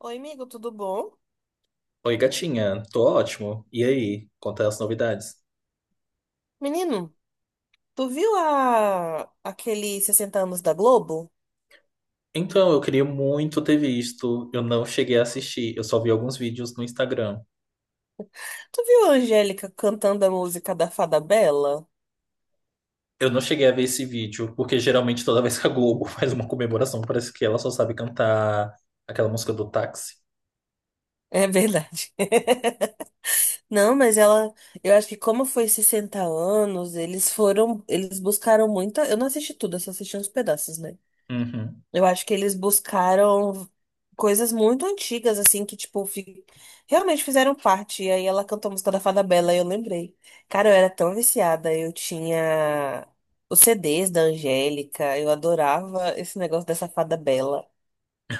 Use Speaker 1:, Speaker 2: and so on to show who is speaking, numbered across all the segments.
Speaker 1: Oi, amigo, tudo bom?
Speaker 2: Oi, gatinha, tô ótimo. E aí, conta as novidades.
Speaker 1: Menino, tu viu aquele 60 anos da Globo?
Speaker 2: Então, eu queria muito ter visto, eu não cheguei a assistir, eu só vi alguns vídeos no Instagram.
Speaker 1: Tu viu a Angélica cantando a música da Fada Bela?
Speaker 2: Eu não cheguei a ver esse vídeo, porque geralmente toda vez que a Globo faz uma comemoração, parece que ela só sabe cantar aquela música do táxi.
Speaker 1: É verdade. Não, mas ela, eu acho que como foi 60 anos, eles buscaram muita, eu não assisti tudo, eu só assisti uns pedaços, né?
Speaker 2: Uhum.
Speaker 1: Eu acho que eles buscaram coisas muito antigas, assim, que, tipo, realmente fizeram parte. E aí ela cantou a música da Fada Bela, e eu lembrei. Cara, eu era tão viciada. Eu tinha os CDs da Angélica, eu adorava esse negócio dessa Fada Bela.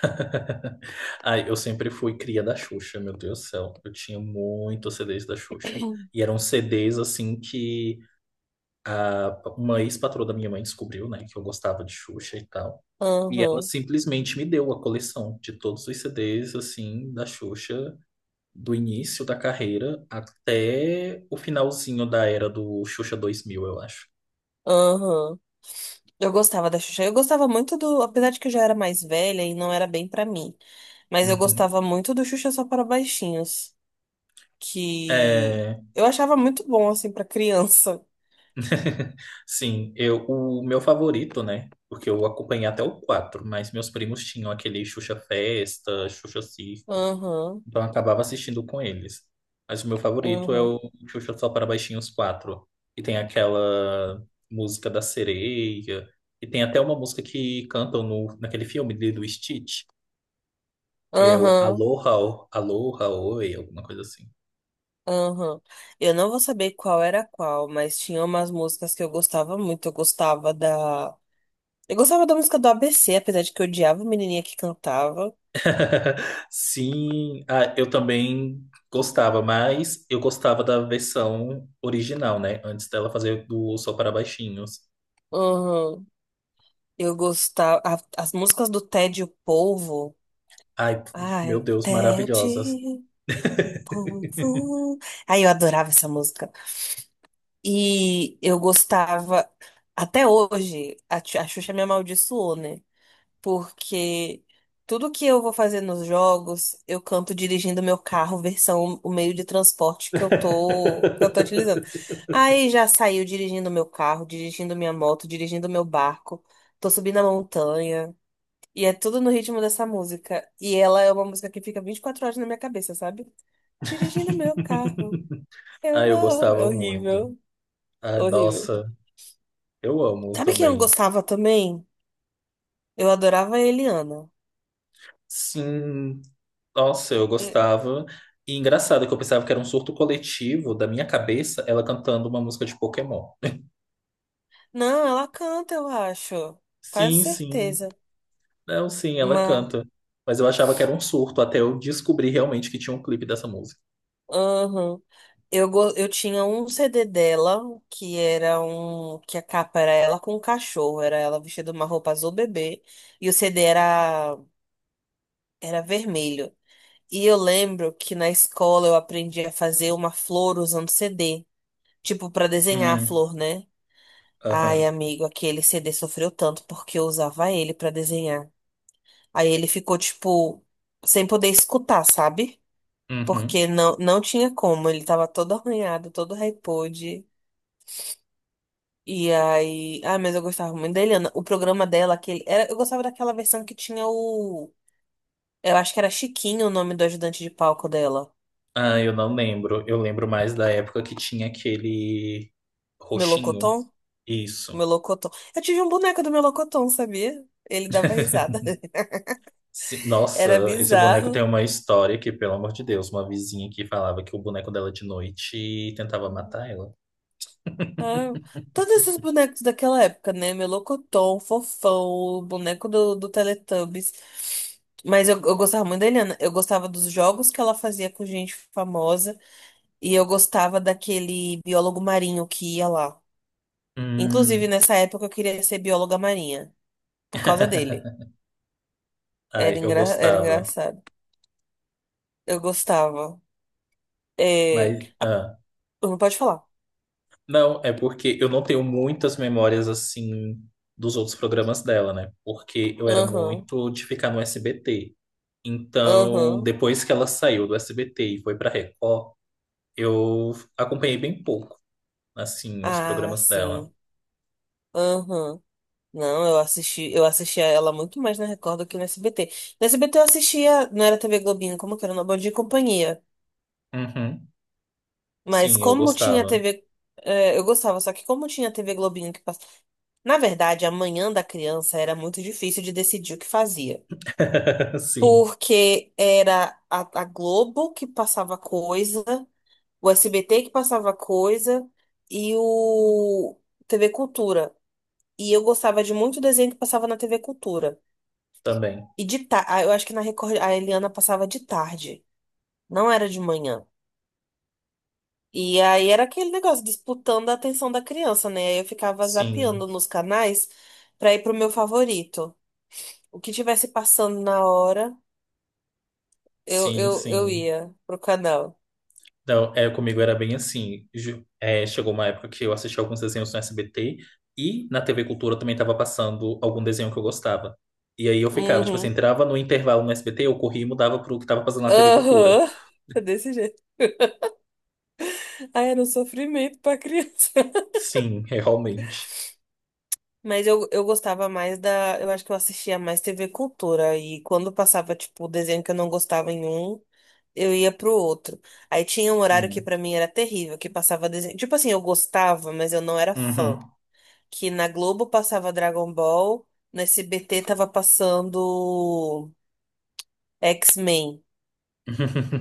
Speaker 2: Ai, eu sempre fui cria da Xuxa, meu Deus do céu. Eu tinha muitos CDs da Xuxa. E eram CDs, assim, que uma ex-patroa da minha mãe descobriu, né, que eu gostava de Xuxa e tal. E ela
Speaker 1: Aham,
Speaker 2: simplesmente me deu a coleção de todos os CDs, assim, da Xuxa, do início da carreira até o finalzinho da era do Xuxa 2000, eu acho.
Speaker 1: aham. Eu gostava da Xuxa. Eu gostava muito do. Apesar de que eu já era mais velha e não era bem pra mim. Mas eu
Speaker 2: Uhum.
Speaker 1: gostava muito do Xuxa Só para Baixinhos. Que
Speaker 2: É...
Speaker 1: eu achava muito bom, assim, pra criança.
Speaker 2: Sim, o meu favorito, né? Porque eu acompanhei até o quatro, mas meus primos tinham aquele Xuxa Festa, Xuxa Circo.
Speaker 1: Aham.
Speaker 2: Então eu acabava assistindo com eles. Mas o meu favorito é
Speaker 1: Aham,
Speaker 2: o Xuxa Só para Baixinhos quatro. E tem aquela música da sereia. E tem até uma música que cantam no, naquele filme do Stitch, que é o
Speaker 1: aham,
Speaker 2: Aloha, Aloha, Oi, alguma coisa assim.
Speaker 1: aham. Eu não vou saber qual era qual, mas tinha umas músicas que eu gostava muito. Eu gostava da. Eu gostava da música do ABC, apesar de que eu odiava a menininha que cantava.
Speaker 2: Sim, ah, eu também gostava, mas eu gostava da versão original, né? Antes dela fazer do Só para Baixinhos.
Speaker 1: Aham. Eu gostava. As músicas do Ted e o Polvo.
Speaker 2: Ai, meu
Speaker 1: Ai,
Speaker 2: Deus,
Speaker 1: Ted
Speaker 2: maravilhosas.
Speaker 1: e o Polvo. Ai, eu adorava essa música. E eu gostava. Até hoje, a Xuxa me amaldiçoou, né? Porque tudo que eu vou fazer nos jogos, eu canto dirigindo meu carro, versão o meio de transporte que eu tô utilizando. Aí já saiu dirigindo meu carro, dirigindo minha moto, dirigindo meu barco, tô subindo a montanha, e é tudo no ritmo dessa música. E ela é uma música que fica 24 horas na minha cabeça, sabe? Dirigindo meu carro.
Speaker 2: Ah,
Speaker 1: Eu
Speaker 2: eu
Speaker 1: vou. É
Speaker 2: gostava muito.
Speaker 1: horrível,
Speaker 2: Ah,
Speaker 1: horrível.
Speaker 2: nossa, eu amo
Speaker 1: Sabe quem eu
Speaker 2: também.
Speaker 1: gostava também? Eu adorava a Eliana.
Speaker 2: Sim, nossa, eu gostava. E engraçado que eu pensava que era um surto coletivo da minha cabeça, ela cantando uma música de Pokémon.
Speaker 1: Não, ela canta, eu acho. Quase
Speaker 2: Sim, sim.
Speaker 1: certeza.
Speaker 2: Não, sim, ela
Speaker 1: Mas,
Speaker 2: canta. Mas eu achava que era um surto até eu descobrir realmente que tinha um clipe dessa música.
Speaker 1: aham. Eu tinha um CD dela, que era um. Que a capa era ela com um cachorro. Era ela vestida de uma roupa azul bebê. E o CD era vermelho. E eu lembro que na escola eu aprendi a fazer uma flor usando CD. Tipo, pra desenhar a
Speaker 2: Hum,
Speaker 1: flor, né? Ai,
Speaker 2: aham,
Speaker 1: amigo, aquele CD sofreu tanto porque eu usava ele pra desenhar. Aí ele ficou, tipo, sem poder escutar, sabe?
Speaker 2: uhum.
Speaker 1: Porque não tinha como, ele tava todo arranhado, todo repode. E aí. Ah, mas eu gostava muito da Eliana. O programa dela, aquele. Era, eu gostava daquela versão que tinha o. Eu acho que era Chiquinho o nome do ajudante de palco dela.
Speaker 2: Ah, eu não lembro. Eu lembro mais da época que tinha aquele roxinho.
Speaker 1: Melocoton? O
Speaker 2: Isso.
Speaker 1: Melocoton. Eu tive um boneco do Melocoton, sabia? Ele dava risada.
Speaker 2: Sim,
Speaker 1: Era
Speaker 2: nossa, esse boneco tem
Speaker 1: bizarro.
Speaker 2: uma história que, pelo amor de Deus, uma vizinha que falava que o boneco dela de noite tentava matar ela.
Speaker 1: Ah, todos esses bonecos daquela época, né? Melocotão, Fofão, o boneco do Teletubbies. Mas eu gostava muito da Eliana. Eu gostava dos jogos que ela fazia com gente famosa. E eu gostava daquele biólogo marinho que ia lá. Inclusive,
Speaker 2: Hum,
Speaker 1: nessa época, eu queria ser bióloga marinha. Por causa dele.
Speaker 2: ai,
Speaker 1: Era,
Speaker 2: eu
Speaker 1: engra, era
Speaker 2: gostava,
Speaker 1: engraçado. Eu gostava. É...
Speaker 2: mas,
Speaker 1: ah,
Speaker 2: ah,
Speaker 1: Não pode falar.
Speaker 2: não, é porque eu não tenho muitas memórias assim dos outros programas dela, né? Porque eu era
Speaker 1: Aham,
Speaker 2: muito de ficar no SBT. Então,
Speaker 1: aham.
Speaker 2: depois que ela saiu do SBT e foi pra Record, eu acompanhei bem pouco, assim, os
Speaker 1: Ah,
Speaker 2: programas dela.
Speaker 1: sim. Aham. Não, eu assisti, eu assistia ela muito mais na Record do que no SBT. No SBT eu assistia, não era TV Globinho, como que era, no Bom Dia e Companhia.
Speaker 2: Uhum,
Speaker 1: Mas
Speaker 2: sim, eu
Speaker 1: como tinha
Speaker 2: gostava.
Speaker 1: TV, é, eu gostava, só que como tinha TV Globinho que passava. Na verdade, a manhã da criança era muito difícil de decidir o que fazia.
Speaker 2: Sim,
Speaker 1: Porque era a Globo que passava coisa, o SBT que passava coisa e o TV Cultura. E eu gostava de muito desenho que passava na TV Cultura.
Speaker 2: também.
Speaker 1: E de tarde, eu acho que na Record a Eliana passava de tarde, não era de manhã. E aí era aquele negócio disputando a atenção da criança, né? Aí eu ficava
Speaker 2: Sim,
Speaker 1: zapeando nos canais pra ir pro meu favorito. O que tivesse passando na hora, eu,
Speaker 2: sim,
Speaker 1: eu, eu
Speaker 2: sim.
Speaker 1: ia pro canal.
Speaker 2: Não, é, comigo era bem assim. Chegou uma época que eu assisti alguns desenhos no SBT e na TV Cultura também estava passando algum desenho que eu gostava. E aí eu ficava, tipo assim,
Speaker 1: Uhum.
Speaker 2: entrava no intervalo no SBT, eu corria e mudava pro que estava passando na TV Cultura.
Speaker 1: Aham. Desse jeito. Ah, era um sofrimento pra criança.
Speaker 2: Sim, é, realmente.
Speaker 1: Mas eu gostava mais da. Eu acho que eu assistia mais TV Cultura. E quando passava, tipo, o desenho que eu não gostava em um. Eu ia pro outro. Aí tinha um horário que
Speaker 2: Sim.
Speaker 1: pra mim era terrível, que passava desenho. Tipo assim, eu gostava, mas eu não era
Speaker 2: Uhum.
Speaker 1: fã. Que na Globo passava Dragon Ball, no SBT tava passando X-Men.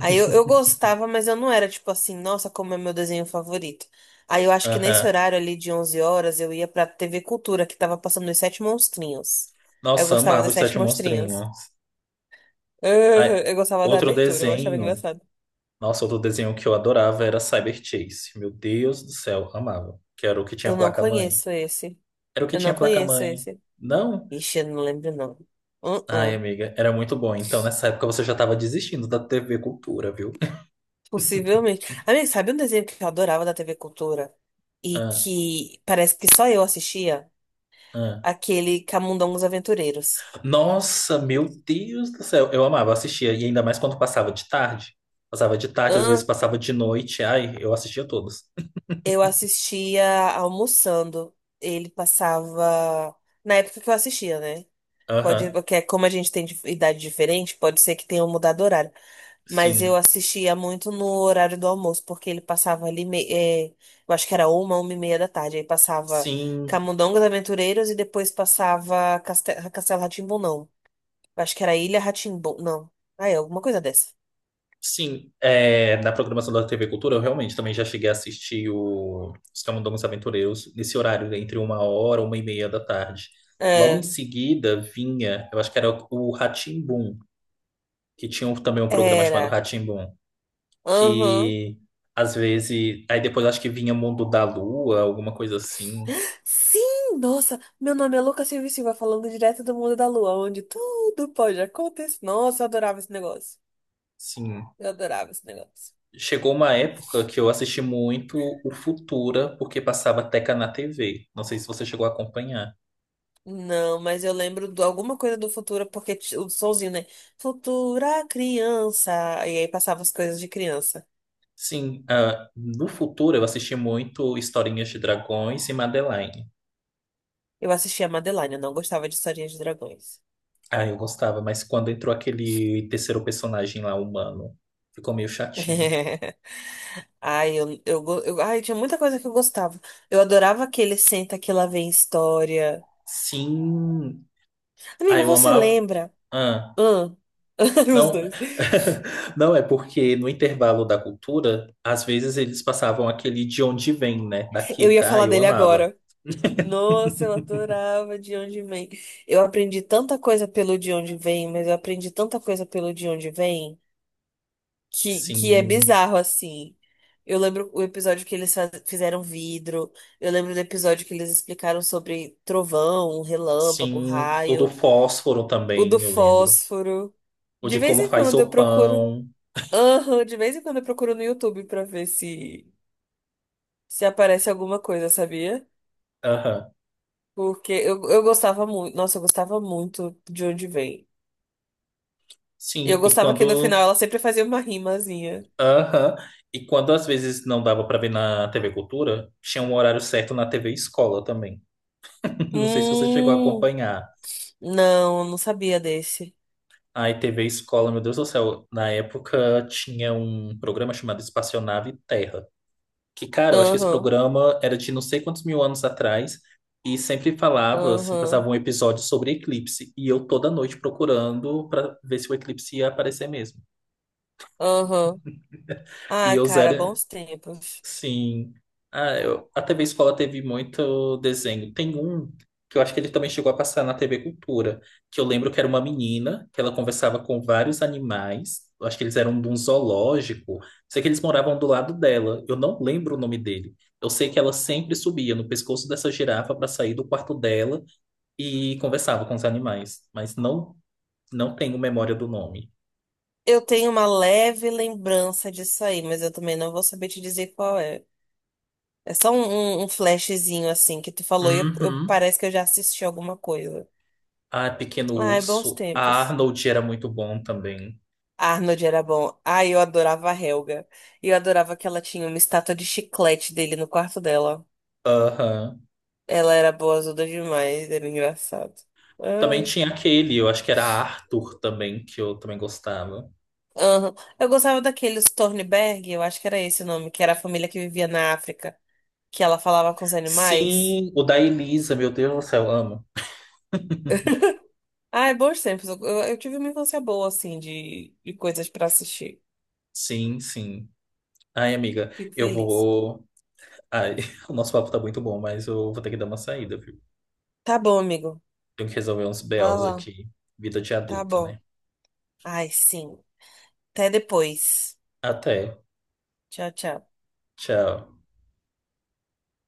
Speaker 1: Aí eu gostava, mas eu não era tipo assim, nossa, como é meu desenho favorito. Aí eu acho que nesse
Speaker 2: Aham.
Speaker 1: horário ali de 11 horas eu ia pra TV Cultura, que tava passando Os Sete Monstrinhos. Eu
Speaker 2: Nossa,
Speaker 1: gostava
Speaker 2: amava
Speaker 1: dos
Speaker 2: os
Speaker 1: Sete
Speaker 2: Sete
Speaker 1: Monstrinhos.
Speaker 2: Monstrinhos. Ai,
Speaker 1: Eu gostava da
Speaker 2: outro
Speaker 1: abertura, eu achava
Speaker 2: desenho.
Speaker 1: engraçado.
Speaker 2: Nossa, outro desenho que eu adorava era Cyber Chase. Meu Deus do céu, amava. Que era o que tinha
Speaker 1: Eu não
Speaker 2: placa-mãe.
Speaker 1: conheço esse.
Speaker 2: Era o que
Speaker 1: Eu
Speaker 2: tinha
Speaker 1: não conheço
Speaker 2: placa-mãe.
Speaker 1: esse.
Speaker 2: Não?
Speaker 1: Ixi, eu não lembro, não.
Speaker 2: Ai,
Speaker 1: Uh-uh.
Speaker 2: amiga, era muito bom. Então, nessa época você já tava desistindo da TV Cultura, viu?
Speaker 1: Possivelmente. Amiga, sabe um desenho que eu adorava da TV Cultura? E
Speaker 2: Ah,
Speaker 1: que parece que só eu assistia?
Speaker 2: ah.
Speaker 1: Aquele Camundongos Aventureiros.
Speaker 2: Nossa, meu Deus do céu. Eu amava, assistia. E ainda mais quando passava de tarde. Passava de tarde, às vezes
Speaker 1: Hã?
Speaker 2: passava de noite. Ai, eu assistia todos.
Speaker 1: Eu assistia almoçando. Ele passava. Na época que eu assistia, né? Pode,
Speaker 2: Aham,
Speaker 1: porque é como a gente tem idade diferente, pode ser que tenha mudado o horário. Mas eu
Speaker 2: sim.
Speaker 1: assistia muito no horário do almoço, porque ele passava ali, eu acho que era uma e meia da tarde. Aí passava
Speaker 2: Sim,
Speaker 1: Camundongos Aventureiros e depois passava Castelo rá tim não. Eu acho que era Ilha rá tim não. Ah, é, alguma coisa dessa.
Speaker 2: sim, é, na programação da TV Cultura eu realmente também já cheguei a assistir os Camundongos Aventureiros nesse horário, né, entre uma hora, uma e meia da tarde. Logo em
Speaker 1: É,
Speaker 2: seguida vinha, eu acho que era o Rá-Tim-Bum, que tinha também um programa chamado
Speaker 1: era.
Speaker 2: Rá-Tim-Bum,
Speaker 1: Aham.
Speaker 2: que às vezes, aí depois acho que vinha Mundo da Lua, alguma coisa assim.
Speaker 1: Sim, nossa, meu nome é Lucas Silva e Silva, falando direto do mundo da lua, onde tudo pode acontecer. Nossa, eu adorava esse negócio.
Speaker 2: Sim,
Speaker 1: Eu adorava esse negócio.
Speaker 2: chegou uma época que eu assisti muito o Futura, porque passava Teca na TV. Não sei se você chegou a acompanhar.
Speaker 1: Não, mas eu lembro de alguma coisa do Futura, porque o sonzinho, né? Futura criança. E aí passava as coisas de criança.
Speaker 2: Sim, ah, no futuro eu assisti muito Historinhas de Dragões e Madeline.
Speaker 1: Eu assistia a Madeline, eu não gostava de historinhas de dragões.
Speaker 2: Ah, eu gostava, mas quando entrou aquele terceiro personagem lá, humano, ficou meio chatinho.
Speaker 1: Ai, ai, tinha muita coisa que eu gostava. Eu adorava aquele Senta que lá vem história.
Speaker 2: Sim, ah,
Speaker 1: Amigo,
Speaker 2: eu
Speaker 1: você
Speaker 2: amava.
Speaker 1: lembra?
Speaker 2: Ah,
Speaker 1: Hã? Os
Speaker 2: não,
Speaker 1: dois.
Speaker 2: não é porque no intervalo da cultura, às vezes eles passavam aquele de onde vem, né? Da
Speaker 1: Eu ia
Speaker 2: Kika, ah,
Speaker 1: falar
Speaker 2: eu
Speaker 1: dele
Speaker 2: amava.
Speaker 1: agora. Nossa, eu adorava De Onde Vem. Eu aprendi tanta coisa pelo De Onde Vem, mas eu aprendi tanta coisa pelo De Onde Vem. Que é
Speaker 2: Sim,
Speaker 1: bizarro, assim. Eu lembro o episódio que eles fizeram vidro. Eu lembro do episódio que eles explicaram sobre trovão, relâmpago,
Speaker 2: sim, o do
Speaker 1: raio.
Speaker 2: fósforo
Speaker 1: O do
Speaker 2: também, eu lembro.
Speaker 1: fósforo.
Speaker 2: O
Speaker 1: De
Speaker 2: de
Speaker 1: vez
Speaker 2: como
Speaker 1: em
Speaker 2: faz
Speaker 1: quando eu
Speaker 2: o
Speaker 1: procuro.
Speaker 2: pão.
Speaker 1: Aham, de vez em quando eu procuro no YouTube pra ver se aparece alguma coisa, sabia?
Speaker 2: Aham.
Speaker 1: Porque eu gostava muito. Nossa, eu gostava muito de onde vem. E eu
Speaker 2: Sim, e
Speaker 1: gostava que no final
Speaker 2: quando.
Speaker 1: ela sempre fazia uma rimazinha.
Speaker 2: Aham. E quando às vezes não dava pra ver na TV Cultura, tinha um horário certo na TV Escola também. Não sei se você chegou a
Speaker 1: Hum,
Speaker 2: acompanhar.
Speaker 1: não, eu não sabia desse.
Speaker 2: Aí TV Escola, meu Deus do céu, na época tinha um programa chamado Espaçonave Terra. Que, cara, eu acho que esse
Speaker 1: Aham.
Speaker 2: programa era de não sei quantos mil anos atrás, e sempre falava, assim,
Speaker 1: Aham,
Speaker 2: passava um episódio sobre eclipse. E eu toda noite procurando pra ver se o eclipse ia aparecer mesmo.
Speaker 1: aham.
Speaker 2: E
Speaker 1: Ah,
Speaker 2: eu
Speaker 1: cara,
Speaker 2: zero.
Speaker 1: bons tempos.
Speaker 2: Sim. Ah, a TV Escola teve muito desenho. Tem um que eu acho que ele também chegou a passar na TV Cultura, que eu lembro que era uma menina, que ela conversava com vários animais. Eu acho que eles eram de um zoológico. Sei que eles moravam do lado dela. Eu não lembro o nome dele. Eu sei que ela sempre subia no pescoço dessa girafa para sair do quarto dela e conversava com os animais, mas não tenho memória do nome.
Speaker 1: Eu tenho uma leve lembrança disso aí, mas eu também não vou saber te dizer qual é. É só um flashzinho assim que tu falou e
Speaker 2: Uhum.
Speaker 1: parece que eu já assisti alguma coisa.
Speaker 2: Ah, Pequeno
Speaker 1: Ai, bons
Speaker 2: Urso. A
Speaker 1: tempos.
Speaker 2: Arnold era muito bom também.
Speaker 1: Arnold era bom. Ai, eu adorava a Helga. E eu adorava que ela tinha uma estátua de chiclete dele no quarto dela.
Speaker 2: Aham.
Speaker 1: Ela era boazuda demais, era engraçado.
Speaker 2: Também
Speaker 1: Ah.
Speaker 2: tinha aquele, eu acho que era Arthur também, que eu também gostava.
Speaker 1: Aham. Eu gostava daqueles Tornberg, eu acho que era esse o nome, que era a família que vivia na África, que ela falava com os animais.
Speaker 2: Sim, o da Elisa, meu Deus do céu, amo.
Speaker 1: Ah, é bons tempos. Eu tive uma infância boa, assim, de coisas pra assistir.
Speaker 2: Sim, sim. Ai, amiga,
Speaker 1: Fico
Speaker 2: eu
Speaker 1: feliz.
Speaker 2: vou. Ai, o nosso papo tá muito bom, mas eu vou ter que dar uma saída, viu?
Speaker 1: Tá bom, amigo.
Speaker 2: Tenho que resolver uns
Speaker 1: Vá
Speaker 2: BOs
Speaker 1: lá.
Speaker 2: aqui. Vida de
Speaker 1: Tá
Speaker 2: adulto,
Speaker 1: bom.
Speaker 2: né?
Speaker 1: Ai, sim. Até depois.
Speaker 2: Até.
Speaker 1: Tchau, tchau.
Speaker 2: Tchau.